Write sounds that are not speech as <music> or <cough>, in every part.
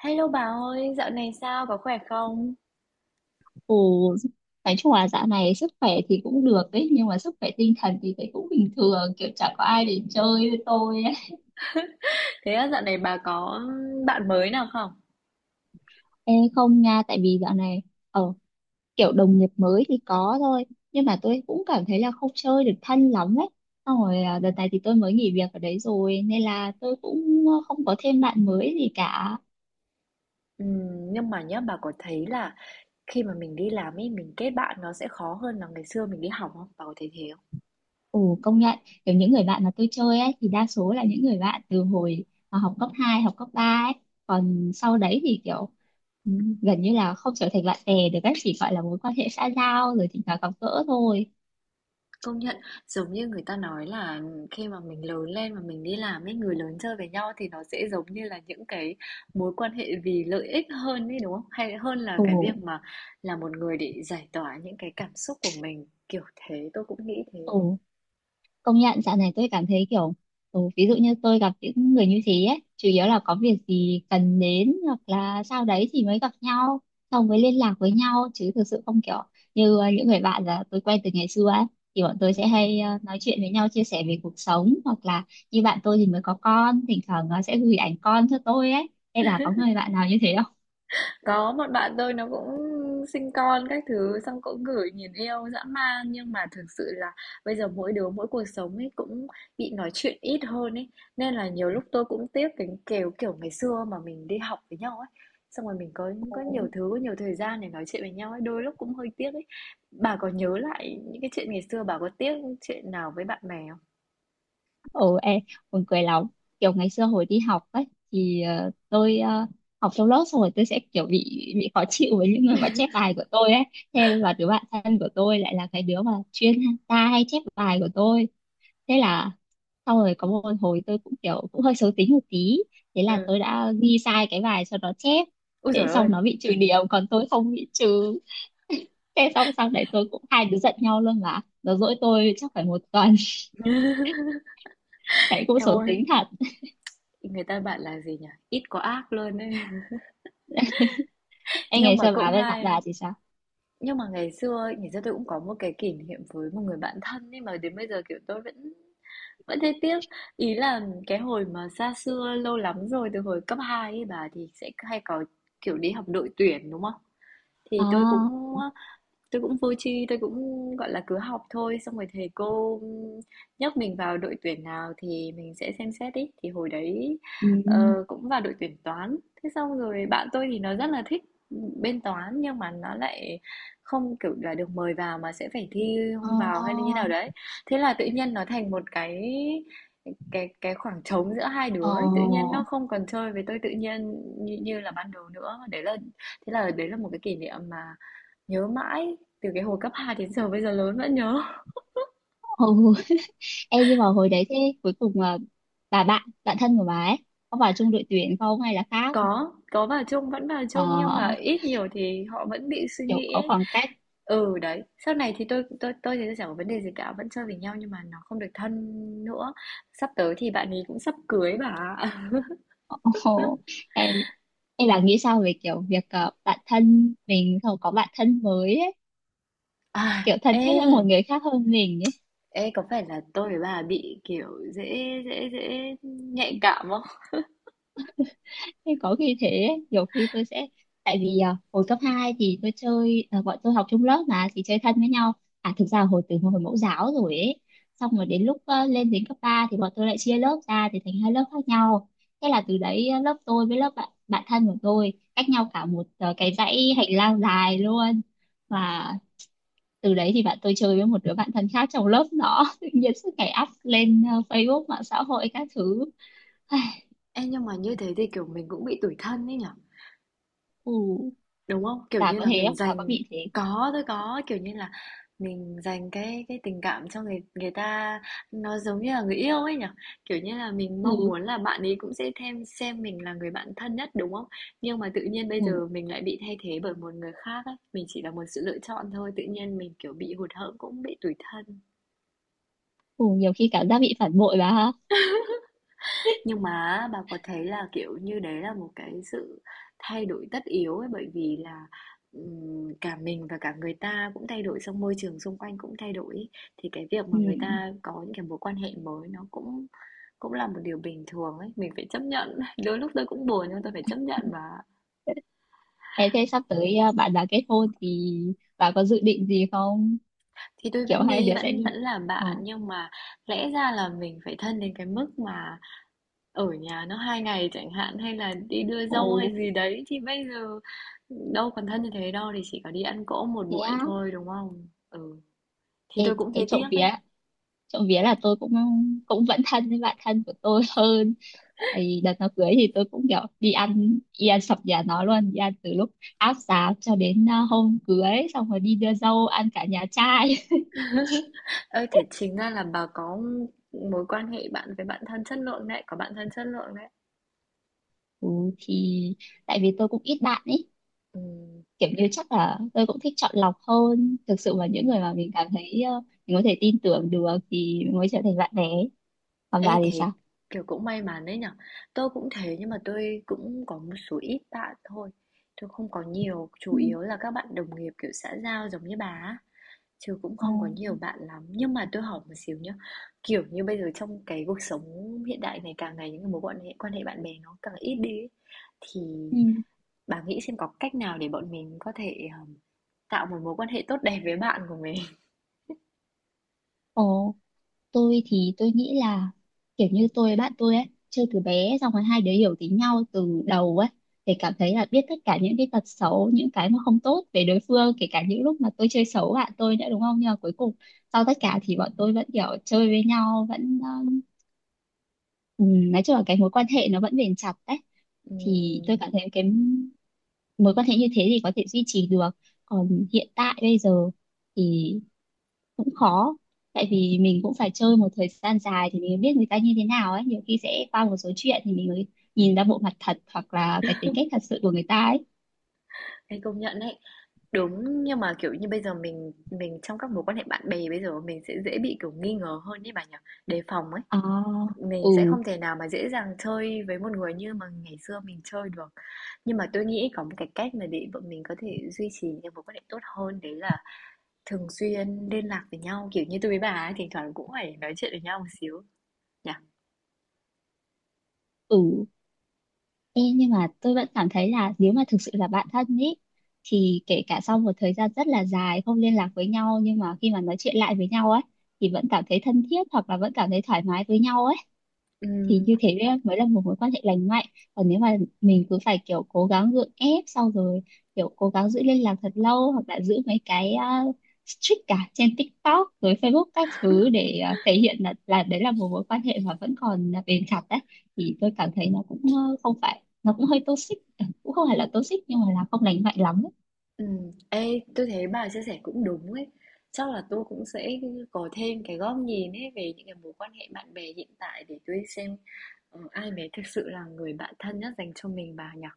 Hello bà ơi, dạo này sao, có khỏe không? Ồ, nói chung là dạo này sức khỏe thì cũng được ấy, nhưng mà sức khỏe tinh thần thì thấy cũng bình thường, kiểu chẳng có ai để chơi với tôi ấy. Thế á, dạo này bà có bạn mới nào không? Ê, không nha, tại vì dạo này, ờ, kiểu đồng nghiệp mới thì có thôi, nhưng mà tôi cũng cảm thấy là không chơi được thân lắm ấy. Xong rồi à, đợt này thì tôi mới nghỉ việc ở đấy rồi, nên là tôi cũng không có thêm bạn mới gì cả. Nhưng mà nhá, bà có thấy là khi mà mình đi làm ấy, mình kết bạn nó sẽ khó hơn là ngày xưa mình đi học không? Bà có thấy thế không? Ồ công nhận kiểu những người bạn mà tôi chơi ấy thì đa số là những người bạn từ hồi mà học cấp 2, học cấp 3 ấy, còn sau đấy thì kiểu ừ, gần như là không trở thành bạn bè được, các chỉ gọi là mối quan hệ xã giao rồi thỉnh thoảng gặp gỡ thôi. Công nhận, giống như người ta nói là khi mà mình lớn lên và mình đi làm ấy, người lớn chơi với nhau thì nó sẽ giống như là những cái mối quan hệ vì lợi ích hơn ấy đúng không? Hay hơn là ồ cái việc mà là một người để giải tỏa những cái cảm xúc của mình, kiểu thế, tôi cũng nghĩ thế. ồ công nhận dạo này tôi cảm thấy kiểu ví dụ như tôi gặp những người như thế ấy chủ yếu là có việc gì cần đến hoặc là sau đấy thì mới gặp nhau, xong mới liên lạc với nhau chứ thực sự không kiểu như những người bạn là tôi quen từ ngày xưa ấy, thì bọn tôi sẽ hay Ừm. nói chuyện với nhau chia sẻ về cuộc sống, hoặc là như bạn tôi thì mới có con thỉnh thoảng sẽ gửi ảnh con cho tôi ấy. Em là có người bạn nào như thế Có một bạn tôi nó cũng sinh con các thứ xong cũng gửi nhìn yêu dã man, nhưng mà thực sự là bây giờ mỗi đứa mỗi cuộc sống ấy cũng bị nói chuyện ít hơn ấy, nên là nhiều lúc tôi cũng tiếc cái kiểu kiểu ngày xưa mà mình đi học với nhau ấy, xong rồi mình có nhiều không? thứ, có nhiều thời gian để nói chuyện với nhau ấy, đôi lúc cũng hơi tiếc ấy. Bà có nhớ lại những cái chuyện ngày xưa, bà có tiếc chuyện nào với bạn bè không? Ừ em buồn cười lắm, kiểu ngày xưa hồi đi học ấy thì tôi học trong lớp xong rồi tôi sẽ kiểu bị khó chịu với những người mà chép bài của tôi ấy. Thế và đứa bạn thân của tôi lại là cái đứa mà chuyên ta hay chép bài của tôi. Thế là xong rồi có một hồi tôi cũng kiểu cũng hơi xấu tính một tí, thế là Ừ, tôi đã ghi sai cái bài cho nó chép. ôi Thế trời ơi. xong nó bị trừ điểm còn tôi không bị trừ. <laughs> Thế xong sau đấy tôi cũng hai đứa giận nhau luôn, mà nó dỗi tôi chắc phải một tuần. <laughs> Đấy, cũng Em xấu ơi, tính thật. người ta bạn là gì nhỉ, ít có ác luôn ấy. <laughs> Em Nhưng nghĩ mà sao bà cũng với bạn hay. đà thì sao? Nhưng mà ngày xưa ấy, ngày xưa tôi cũng có một cái kỷ niệm với một người bạn thân, nhưng mà đến bây giờ, kiểu, tôi vẫn vẫn thấy tiếc. Ý là cái hồi mà xa xưa lâu lắm rồi, từ hồi cấp 2 ấy bà, thì sẽ hay có, kiểu, đi học đội tuyển, đúng không? Thì tôi À, cũng, Tôi cũng vô tri, tôi cũng, gọi là, cứ học thôi, xong rồi thầy cô nhắc mình vào đội tuyển nào thì mình sẽ xem xét ấy. Thì hồi đấy, ừ, cũng vào đội tuyển Toán. Thế xong rồi bạn tôi thì nó rất là thích bên Toán, nhưng mà nó lại không, kiểu là, được mời vào mà sẽ phải thi không vào hay là như à, nào đấy. Thế là tự nhiên nó thành một cái khoảng trống giữa hai ờ, đứa ấy, tự nhiên nó không còn chơi với tôi tự nhiên như như là ban đầu nữa. Đấy là thế là đấy là một cái kỷ niệm mà. Nhớ mãi, từ cái hồi cấp 2 đến giờ bây giờ lớn vẫn nhớ. Ồ, em nhưng mà hồi đấy thế cuối cùng là bà bạn, bạn thân của bà ấy có vào chung đội tuyển không hay là khác? Có vào chung, vẫn vào Ờ, chung, nhưng mà ít nhiều thì họ vẫn bị suy kiểu nghĩ có ấy. khoảng cách. Ừ, đấy. Sau này thì tôi chẳng có vấn đề gì cả, vẫn chơi với nhau nhưng mà nó không được thân nữa. Sắp tới thì bạn ấy cũng sắp cưới bà. Ồ, em em là nghĩ sao về kiểu việc bạn thân mình không có bạn thân mới ấy, À, kiểu thân ê, thiết với một người khác hơn mình ấy. ê có phải là tôi với bà bị kiểu dễ dễ dễ nhạy cảm không? Thế có khi thế ấy, nhiều khi tôi sẽ tại vì hồi cấp 2 thì tôi chơi bọn tôi học chung lớp mà thì chơi thân với nhau, à thực ra hồi từ hồi mẫu giáo rồi ấy, xong rồi đến lúc lên đến cấp 3 thì bọn tôi lại chia lớp ra thì thành hai lớp khác nhau. Thế là từ đấy lớp tôi với lớp bạn bạn thân của tôi cách nhau cả một cái dãy hành lang dài luôn. Và từ đấy thì bạn tôi chơi với một đứa bạn thân khác trong lớp nó <laughs> tự nhiên suốt ngày up lên Facebook mạng xã hội các thứ. Ai, Ê nhưng mà như thế thì kiểu mình cũng bị tủi thân ấy nhở? ừ, Đúng không? Kiểu bà như có là thế mình không, bà có dành, bị thế? có, tôi có, kiểu như là mình dành cái tình cảm cho người người ta, nó giống như là người yêu ấy nhỉ? Kiểu như là mình Ừ, mong muốn là bạn ấy cũng sẽ thêm xem mình là người bạn thân nhất đúng không? Nhưng mà tự nhiên bây ừ, giờ mình lại bị thay thế bởi một người khác ấy, mình chỉ là một sự lựa chọn thôi, tự nhiên mình kiểu bị hụt hẫng, cũng bị tủi thân. ừ, nhiều khi cảm giác bị phản bội bà ha. Nhưng mà bà có thấy là, kiểu như, đấy là một cái sự thay đổi tất yếu ấy, bởi vì là, cả mình và cả người ta cũng thay đổi, xong môi trường xung quanh cũng thay đổi ấy. Thì cái việc mà Ừ. người ta có những cái mối quan hệ mới nó cũng cũng là một điều bình thường ấy, mình phải chấp nhận. <laughs> Đôi lúc tôi cũng buồn nhưng tôi phải chấp nhận mà. Thế thế sắp tới bạn đã kết hôn thì bà có dự định gì không? Thì tôi Kiểu vẫn hai đi, đứa sẽ vẫn đi vẫn là ờ bạn, nhưng mà lẽ ra là mình phải thân đến cái mức mà ở nhà nó 2 ngày chẳng hạn, hay là đi đưa dâu ồ hay gì đấy, thì bây giờ đâu còn thân như thế đâu, thì chỉ có đi ăn cỗ một thế buổi á. thôi đúng không? Ừ, thì tôi Ê, cũng thế thấy trộm tiếc đấy. vía, trộm vía là tôi cũng cũng vẫn thân với bạn thân của tôi <laughs> hơn. Ấy, đợt nó cưới thì tôi cũng kiểu đi ăn sập nhà nó luôn, đi ăn từ lúc áp giá cho đến hôm cưới xong rồi đi đưa dâu ăn cả nhà trai. Ơi thế chính ra là bà có mối quan hệ bạn với bạn thân chất lượng đấy, có bạn thân chất lượng đấy. <laughs> Ừ, thì tại vì tôi cũng ít bạn ấy, Ừ. kiểu như chắc là tôi cũng thích chọn lọc hơn, thực sự Ừ. mà những người mà mình cảm thấy mình có thể tin tưởng được thì mình mới trở thành bạn bè. Còn Ê bà thì thì sao? kiểu cũng may mắn đấy nhở. Tôi cũng thế, nhưng mà tôi cũng có một số ít bạn thôi. Tôi không có nhiều. Chủ Ừ. yếu là các bạn đồng nghiệp kiểu xã giao giống như bà á. Chứ cũng Ờ. không có nhiều bạn lắm. Nhưng mà tôi hỏi một xíu nhá. Kiểu như bây giờ trong cái cuộc sống hiện đại này, càng ngày những cái quan hệ bạn bè nó càng ít đi ấy. Thì Ừ. bà nghĩ xem có cách nào để bọn mình có thể tạo một mối quan hệ tốt đẹp với bạn của mình. <laughs> Ồ, tôi thì tôi nghĩ là kiểu như tôi với bạn tôi ấy chơi từ bé xong rồi hai đứa hiểu tính nhau từ đầu ấy, để cảm thấy là biết tất cả những cái tật xấu những cái mà không tốt về đối phương, kể cả những lúc mà tôi chơi xấu bạn tôi nữa đúng không, nhưng mà cuối cùng sau tất cả thì bọn tôi vẫn kiểu chơi với nhau vẫn ừ, nói chung là cái mối quan hệ nó vẫn bền chặt đấy. Thì Ừm. tôi cảm thấy cái mối quan hệ như thế thì có thể duy trì được, còn hiện tại bây giờ thì cũng khó, tại vì mình cũng phải chơi một thời gian dài thì mình mới biết người ta như thế nào ấy. Nhiều khi sẽ qua một số chuyện thì mình mới nhìn ra bộ mặt thật hoặc là cái tính cách thật sự của người ta ấy. Ê, công nhận đấy. Đúng, nhưng mà, kiểu như, bây giờ mình trong các mối quan hệ bạn bè, bây giờ mình sẽ dễ bị, kiểu, nghi ngờ hơn đấy bà nhỉ? Đề phòng ấy. à, ừ Mình sẽ không thể nào mà dễ dàng chơi với một người như mà ngày xưa mình chơi được. Nhưng mà tôi nghĩ có một cái cách mà để bọn mình có thể duy trì những cái mối quan hệ tốt hơn, đấy là thường xuyên liên lạc với nhau, kiểu như, tôi với bà ấy thỉnh thoảng cũng phải nói chuyện với nhau một xíu, nhỉ? ừ. Ê, nhưng mà tôi vẫn cảm thấy là nếu mà thực sự là bạn thân ý thì kể cả sau một thời gian rất là dài không liên lạc với nhau, nhưng mà khi mà nói chuyện lại với nhau ấy thì vẫn cảm thấy thân thiết hoặc là vẫn cảm thấy thoải mái với nhau ấy, thì như thế đấy mới là một mối quan hệ lành mạnh. Còn nếu mà mình cứ phải kiểu cố gắng gượng ép, sau rồi kiểu cố gắng giữ liên lạc thật lâu hoặc là giữ mấy cái uh, streak cả trên TikTok rồi Facebook các thứ để thể hiện là đấy là một mối quan hệ mà vẫn còn là bền chặt đấy, thì tôi cảm thấy nó cũng không phải, nó cũng hơi toxic, cũng không phải là toxic nhưng mà là không lành mạnh lắm ấy. Ừ. Ê, tôi thấy bà chia sẻ cũng đúng ấy. Chắc là tôi cũng sẽ có thêm cái góc nhìn ấy về những cái mối quan hệ bạn bè hiện tại để tôi xem ai mới thực sự là người bạn thân nhất dành cho mình bà nhỉ.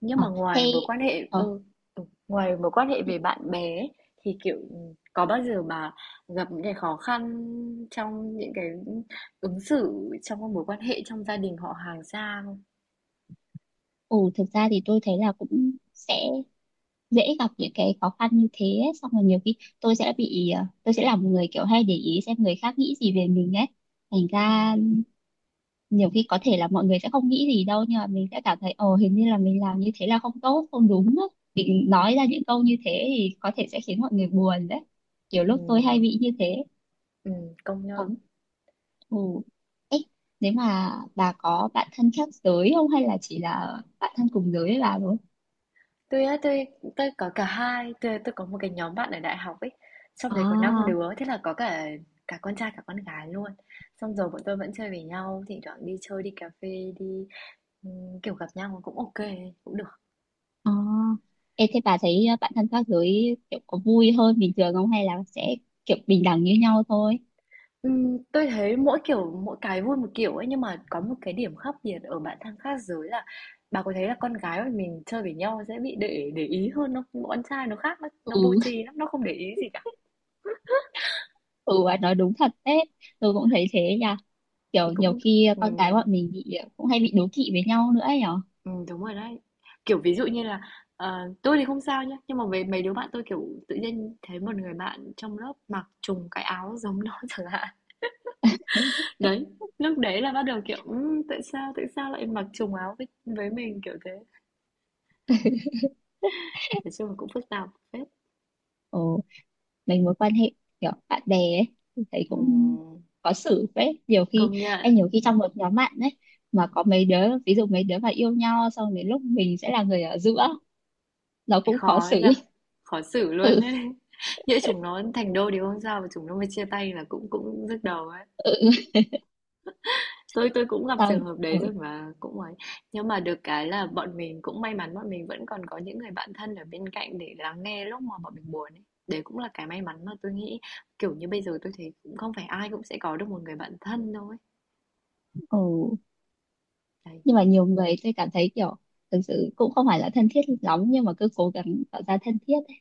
Nhưng Ờ, mà thế ờ, ngoài mối quan hệ về bạn bè ấy, thì kiểu có bao giờ bà gặp những cái khó khăn trong những cái ứng xử trong các mối quan hệ trong gia đình họ hàng xa không? ừ, thực ra thì tôi thấy là cũng sẽ dễ gặp những cái khó khăn như thế ấy. Xong rồi nhiều khi tôi sẽ bị tôi sẽ là một người kiểu hay để ý xem người khác nghĩ gì về mình ấy, thành Ừ. ra nhiều khi có thể là mọi người sẽ không nghĩ gì đâu nhưng mà mình sẽ cảm thấy ồ hình như là mình làm như thế là không tốt không đúng á, mình nói ra những câu như thế thì có thể sẽ khiến mọi người buồn đấy. Kiểu Ừ. lúc tôi hay bị như thế Ừ. Công còn nhận. ừ. Ê, nếu mà bà có bạn thân khác giới không hay là chỉ là bạn thân cùng giới với bà thôi? Tôi á, tôi có cả hai, tôi có một cái nhóm bạn ở đại học ấy, trong đấy có 5 à đứa, thế là có cả cả con trai cả con gái luôn. Xong rồi bọn tôi vẫn chơi với nhau, thỉnh thoảng đi chơi, đi cà phê, đi kiểu gặp nhau cũng ok, cũng được. Ờ, Ê, thế bà thấy bạn thân khác giới kiểu có vui hơn bình thường không hay là sẽ kiểu bình đẳng như nhau thôi? Tôi thấy mỗi kiểu mỗi cái vui một kiểu ấy, nhưng mà có một cái điểm khác biệt ở bạn thân khác giới là, bà có thấy là con gái mà mình chơi với nhau sẽ bị để ý hơn không? Nhưng con trai nó khác, nó vô Ừ, <laughs> tri lắm, nó không để ý gì cả. ừ bà nói đúng thật đấy, tôi cũng thấy thế nha. Thì Kiểu nhiều cũng. khi con cái ừm, bọn mình bị cũng hay bị đố kỵ với nhau nữa ấy nhở. Đúng rồi đấy. Kiểu, ví dụ như là, tôi thì không sao nhá, nhưng mà với mấy đứa bạn tôi, kiểu, tự nhiên thấy một người bạn trong lớp mặc trùng cái áo giống nó <laughs> chẳng hạn. <laughs> Đấy, lúc đấy là bắt đầu, kiểu, tại sao lại mặc trùng áo với mình, kiểu thế. Nói chung là cũng phức tạp phết. Ừ, mình mối quan hệ kiểu bạn bè ấy, tôi thấy cũng Ừm, có xử đấy. Nhiều khi, công nhận, em nhiều khi trong một nhóm bạn ấy mà có mấy đứa, ví dụ mấy đứa mà yêu nhau xong đến lúc mình sẽ là người ở giữa, nó cũng khó khó ấy xử. nhỉ, khó xử <laughs> luôn Ừ, ấy. <laughs> Nhỡ chúng nó thành đôi thì không sao, mà chúng nó mà chia tay là cũng cũng nhức đầu ấy. ừ, Tôi cũng gặp xong, trường hợp đấy rồi ừ. mà cũng ấy. Nhưng mà được cái là bọn mình cũng may mắn, bọn mình vẫn còn có những người bạn thân ở bên cạnh để lắng nghe lúc mà bọn mình buồn ấy. Đấy cũng là cái may mắn mà tôi nghĩ, kiểu như bây giờ tôi thấy cũng không phải ai cũng sẽ có được một người bạn thân đâu ấy. Ừ. Đấy. Nhưng mà nhiều người tôi cảm thấy kiểu thực sự cũng không phải là thân thiết lắm nhưng mà cứ cố gắng tạo ra thân thiết ấy.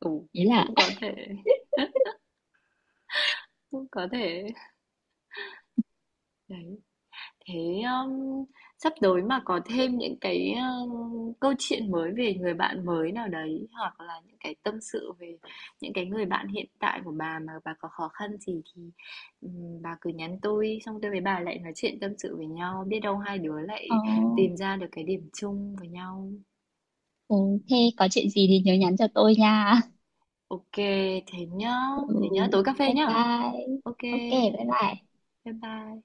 Ừ, Ý là cũng có thể cũng có thể đấy. Thế sắp tới mà có thêm những cái câu chuyện mới về người bạn mới nào đấy, hoặc là những cái tâm sự về những cái người bạn hiện tại của bà mà bà có khó khăn gì thì bà cứ nhắn tôi, xong tôi với bà lại nói chuyện tâm sự với nhau, biết đâu hai đứa <laughs> ờ, lại tìm ra được cái điểm chung với nhau. ừ, thế có chuyện gì thì nhớ nhắn cho tôi nha. Ok, thế nhá, <laughs> Ừ, thế nhá, tối cà phê bye nhá. bye. Ok, Ok bye bye. bye bye.